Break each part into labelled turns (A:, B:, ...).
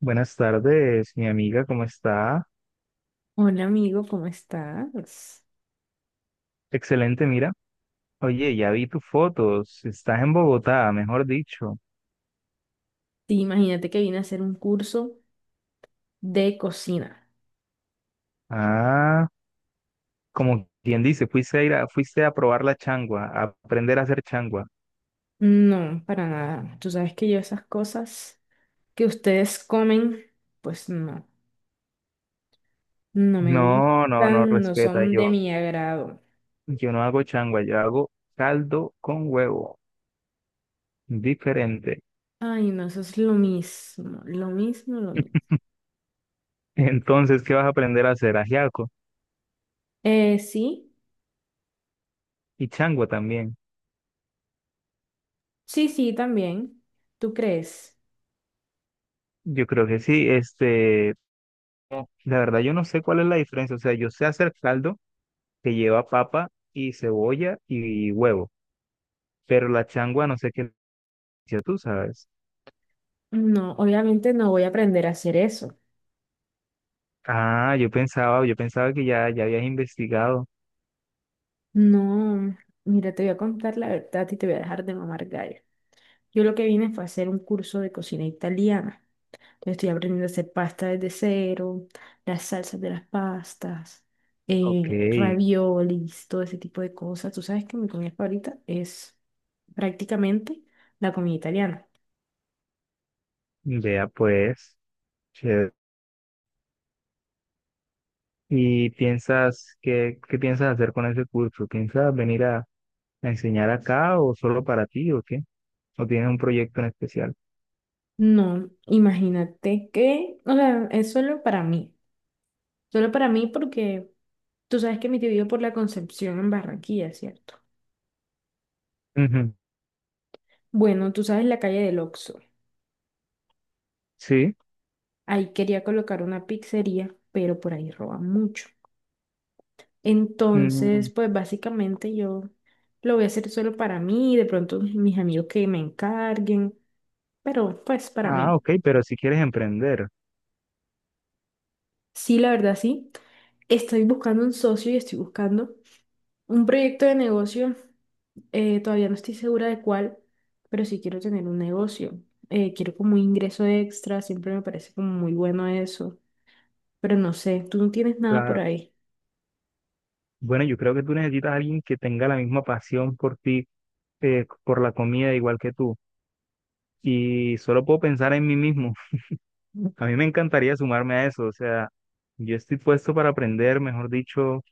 A: Buenas tardes, mi amiga, ¿cómo está?
B: Hola amigo, ¿cómo estás?
A: Excelente, mira. Oye, ya vi tus fotos. Estás en Bogotá, mejor dicho.
B: Sí, imagínate que vine a hacer un curso de cocina.
A: Ah, como quien dice, fuiste a probar la changua, a aprender a hacer changua.
B: No, para nada. Tú sabes que yo esas cosas que ustedes comen, pues no, no me
A: No, no, no,
B: gustan, no
A: respeta.
B: son de
A: Yo,
B: mi agrado.
A: yo no hago changua, yo hago caldo con huevo. Diferente.
B: Ay, no, eso es lo mismo, lo mismo, lo mismo.
A: Entonces, ¿qué vas a aprender a hacer? Ajiaco
B: Sí,
A: y changua también.
B: sí, sí, también. ¿Tú crees?
A: Yo creo que sí, no, la verdad yo no sé cuál es la diferencia. O sea, yo sé hacer caldo que lleva papa y cebolla y huevo, pero la changua no sé qué le hiciste tú sabes.
B: No, obviamente no voy a aprender a hacer eso.
A: Ah, yo pensaba que ya habías investigado.
B: No, mira, te voy a contar la verdad y te voy a dejar de mamar gallo. Yo lo que vine fue a hacer un curso de cocina italiana. Entonces estoy aprendiendo a hacer pasta desde cero, las salsas de las pastas,
A: Ok,
B: raviolis, todo ese tipo de cosas. Tú sabes que mi comida favorita es prácticamente la comida italiana.
A: vea pues. Chévere. ¿Y piensas, qué piensas hacer con ese curso? ¿Piensas venir a enseñar acá o solo para ti o qué? ¿O tienes un proyecto en especial?
B: No, imagínate que, o sea, es solo para mí. Solo para mí porque tú sabes que mi tío vive por la Concepción en Barranquilla, ¿cierto?
A: Ujú.
B: Bueno, tú sabes la calle del Oxxo.
A: Sí.
B: Ahí quería colocar una pizzería, pero por ahí roban mucho.
A: Mm.
B: Entonces, pues básicamente yo lo voy a hacer solo para mí, de pronto mis amigos que me encarguen, pero pues para
A: Ah,
B: mí.
A: ok, pero si quieres emprender.
B: Sí, la verdad sí. Estoy buscando un socio y estoy buscando un proyecto de negocio. Todavía no estoy segura de cuál, pero sí quiero tener un negocio. Quiero como un ingreso extra, siempre me parece como muy bueno eso, pero no sé, tú no tienes nada por
A: Claro.
B: ahí.
A: Bueno, yo creo que tú necesitas a alguien que tenga la misma pasión por ti, por la comida, igual que tú. Y solo puedo pensar en mí mismo. A mí me encantaría sumarme a eso. O sea, yo estoy puesto para aprender, mejor dicho,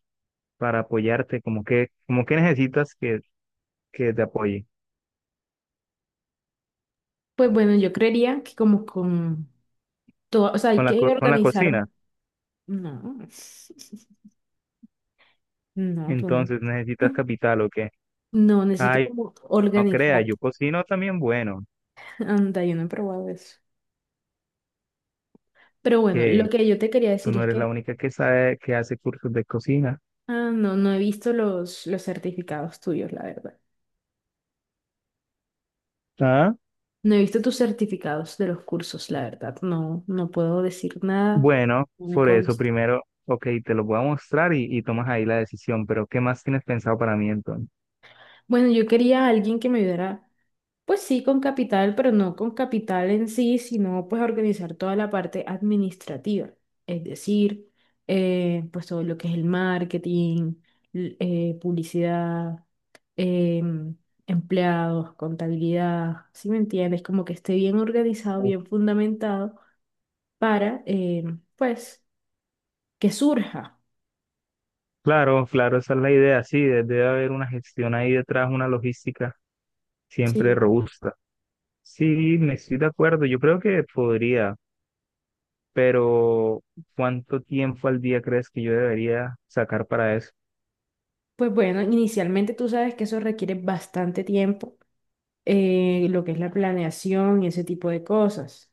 A: para apoyarte. Como que necesitas que te apoye
B: Pues bueno, yo creería que como con todo, o sea, hay
A: con la,
B: que
A: co- con la
B: organizar.
A: cocina.
B: No, no, tú no.
A: Entonces necesitas capital o qué.
B: No, necesito
A: Ay,
B: como
A: no creas,
B: organizar.
A: yo cocino también bueno.
B: Anda, yo no he probado eso. Pero bueno, lo
A: Que
B: que yo te quería
A: tú
B: decir
A: no
B: es
A: eres la
B: que,
A: única que sabe que hace cursos de cocina.
B: ah, no, no he visto los certificados tuyos, la verdad.
A: ¿Ah?
B: No he visto tus certificados de los cursos, la verdad. No, no puedo decir nada,
A: Bueno,
B: no me
A: por eso
B: consta.
A: primero, ok, te lo voy a mostrar y tomas ahí la decisión, pero ¿qué más tienes pensado para mí entonces?
B: Bueno, yo quería a alguien que me ayudara. Pues sí, con capital, pero no con capital en sí, sino pues organizar toda la parte administrativa, es decir, pues todo lo que es el marketing, publicidad, em, empleados, contabilidad, ¿si me entiendes? Como que esté bien organizado, bien fundamentado para, pues, que surja.
A: Claro, claro, esa es la idea, sí, debe haber una gestión ahí detrás, una logística siempre
B: Sí.
A: robusta. Sí, me estoy de acuerdo, yo creo que podría, pero ¿cuánto tiempo al día crees que yo debería sacar para eso?
B: Pues bueno, inicialmente tú sabes que eso requiere bastante tiempo, lo que es la planeación y ese tipo de cosas.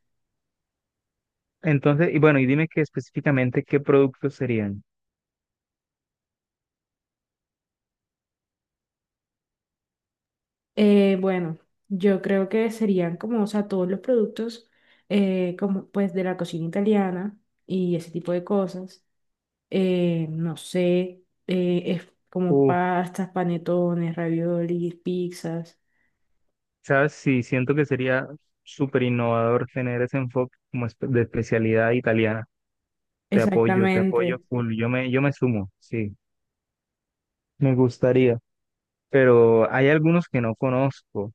A: Entonces, y bueno, y dime que específicamente qué productos serían.
B: Bueno, yo creo que serían como, o sea, todos los productos como pues de la cocina italiana y ese tipo de cosas. No sé, es como pastas, panetones, raviolis, pizzas.
A: ¿Sabes? Sí, siento que sería súper innovador tener ese enfoque como de especialidad italiana. Te apoyo
B: Exactamente.
A: full. Yo me sumo, sí, me gustaría. Pero hay algunos que no conozco.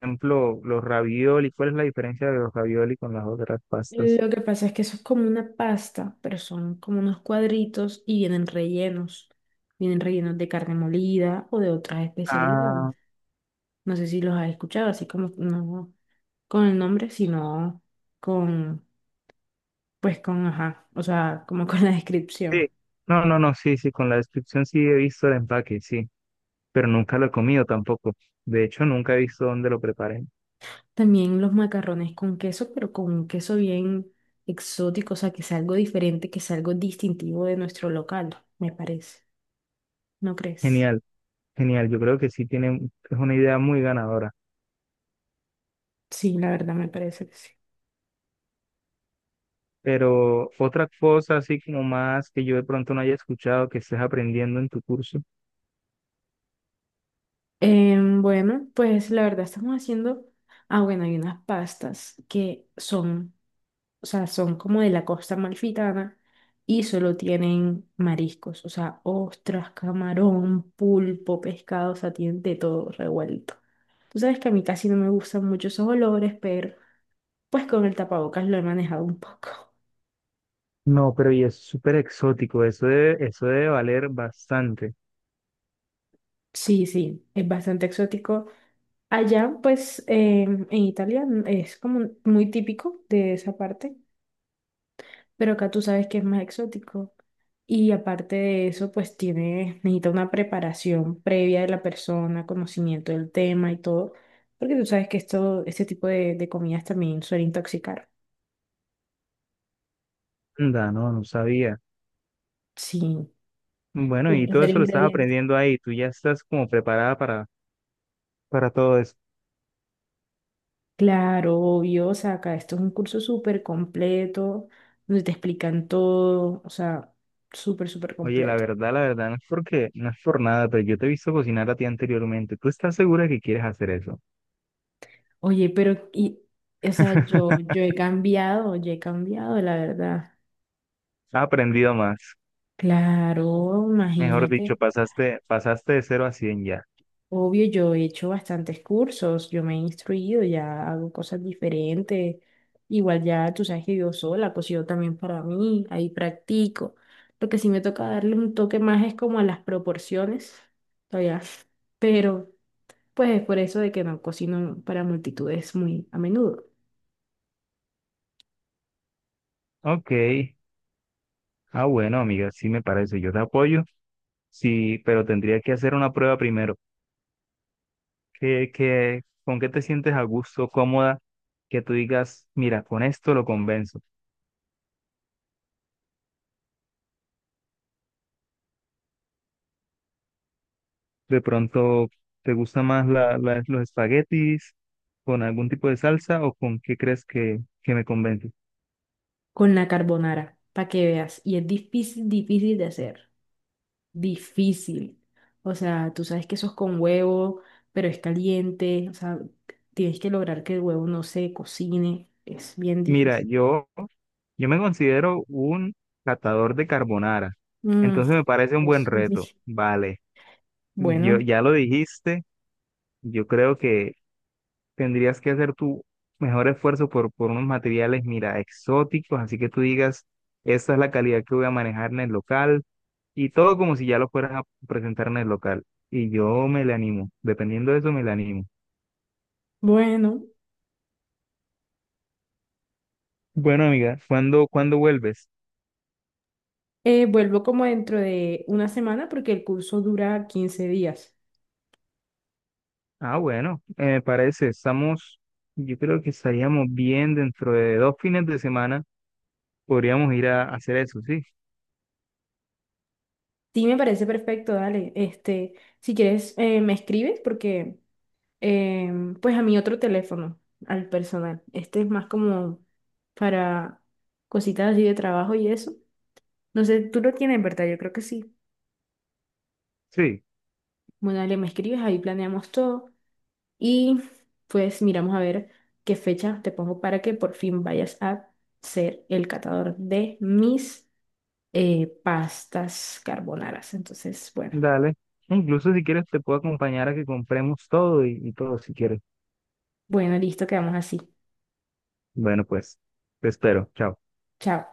A: Por ejemplo, los ravioli. ¿Cuál es la diferencia de los ravioli con las otras pastas?
B: Lo que pasa es que eso es como una pasta, pero son como unos cuadritos y vienen rellenos. Vienen rellenos de carne molida o de otras especialidades.
A: Ah,
B: No sé si los has escuchado, así como no con el nombre, sino con, pues con, ajá, o sea, como con la descripción.
A: sí. No, no, no, sí, sí, con la descripción sí he visto el empaque, sí. Pero nunca lo he comido tampoco. De hecho, nunca he visto dónde lo preparen.
B: También los macarrones con queso, pero con un queso bien exótico, o sea, que es algo diferente, que es algo distintivo de nuestro local, me parece. ¿No crees?
A: Genial, genial. Yo creo que sí tiene, es una idea muy ganadora.
B: Sí, la verdad me parece que sí.
A: Pero otra cosa así como más que yo de pronto no haya escuchado que estés aprendiendo en tu curso.
B: Bueno, pues la verdad estamos haciendo, ah, bueno, hay unas pastas que son, o sea, son como de la costa amalfitana y solo tienen mariscos, o sea, ostras, camarón, pulpo, pescado, o sea, tienen de todo revuelto. Tú sabes que a mí casi no me gustan mucho esos olores, pero pues con el tapabocas lo he manejado un poco.
A: No, pero y es súper exótico, eso debe valer bastante.
B: Sí, sí, es bastante exótico. Allá, pues, en Italia es como muy típico de esa parte. Pero acá tú sabes que es más exótico. Y aparte de eso, pues tiene, necesita una preparación previa de la persona, conocimiento del tema y todo. Porque tú sabes que esto, este tipo de comidas también suele intoxicar.
A: Anda, no, no sabía.
B: Sí.
A: Bueno,
B: Tiene
A: y
B: que
A: todo
B: ser
A: eso lo estás
B: ingrediente.
A: aprendiendo ahí, tú ya estás como preparada para todo eso.
B: Claro, obvio, o sea, acá esto es un curso súper completo, donde te explican todo, o sea, súper, súper
A: Oye,
B: completo.
A: la verdad, no es porque, no es por nada, pero yo te he visto cocinar a ti anteriormente. ¿Tú estás segura que quieres hacer eso?
B: Oye, pero, y, o sea, yo, yo he cambiado, yo he cambiado, la verdad.
A: Has aprendido más.
B: Claro,
A: Mejor dicho,
B: imagínate.
A: pasaste de cero a 100 ya.
B: Obvio, yo he hecho bastantes cursos, yo me he instruido, ya hago cosas diferentes. Igual ya tú sabes que yo sola, cocino también para mí, ahí practico. Lo que sí me toca darle un toque más es como a las proporciones, todavía. Pero pues es por eso de que no cocino para multitudes muy a menudo.
A: Ok. Ah, bueno, amiga, sí me parece, yo te apoyo, sí, pero tendría que hacer una prueba primero. ¿Con qué te sientes a gusto, cómoda, que tú digas, mira, con esto lo convenzo? De pronto, ¿te gusta más los espaguetis con algún tipo de salsa o con qué crees que, me convence?
B: Con la carbonara, para que veas. Y es difícil, difícil de hacer. Difícil. O sea, tú sabes que eso es con huevo, pero es caliente. O sea, tienes que lograr que el huevo no se cocine. Es bien
A: Mira,
B: difícil.
A: yo me considero un catador de carbonara,
B: Mm,
A: entonces me parece un buen
B: Dios mío.
A: reto. Vale, yo
B: Bueno,
A: ya lo dijiste, yo creo que tendrías que hacer tu mejor esfuerzo por unos materiales, mira, exóticos, así que tú digas, esta es la calidad que voy a manejar en el local y todo como si ya lo fueras a presentar en el local. Y yo me le animo, dependiendo de eso me le animo.
B: bueno.
A: Bueno, amiga, ¿cuándo vuelves?
B: Vuelvo como dentro de una semana porque el curso dura 15 días.
A: Ah, bueno, me parece, estamos, yo creo que estaríamos bien dentro de dos fines de semana, podríamos ir a, hacer eso, ¿sí?
B: Sí, me parece perfecto, dale. Este, si quieres, me escribes porque, pues a mi otro teléfono, al personal. Este es más como para cositas así de trabajo y eso. No sé, tú lo tienes, ¿verdad? Yo creo que sí.
A: Sí,
B: Bueno, dale, me escribes, ahí planeamos todo y pues miramos a ver qué fecha te pongo para que por fin vayas a ser el catador de mis pastas carbonaras. Entonces, bueno,
A: dale. Incluso si quieres te puedo acompañar a que compremos todo y todo si quieres.
B: bueno, listo, quedamos así.
A: Bueno, pues te espero. Chao.
B: Chao.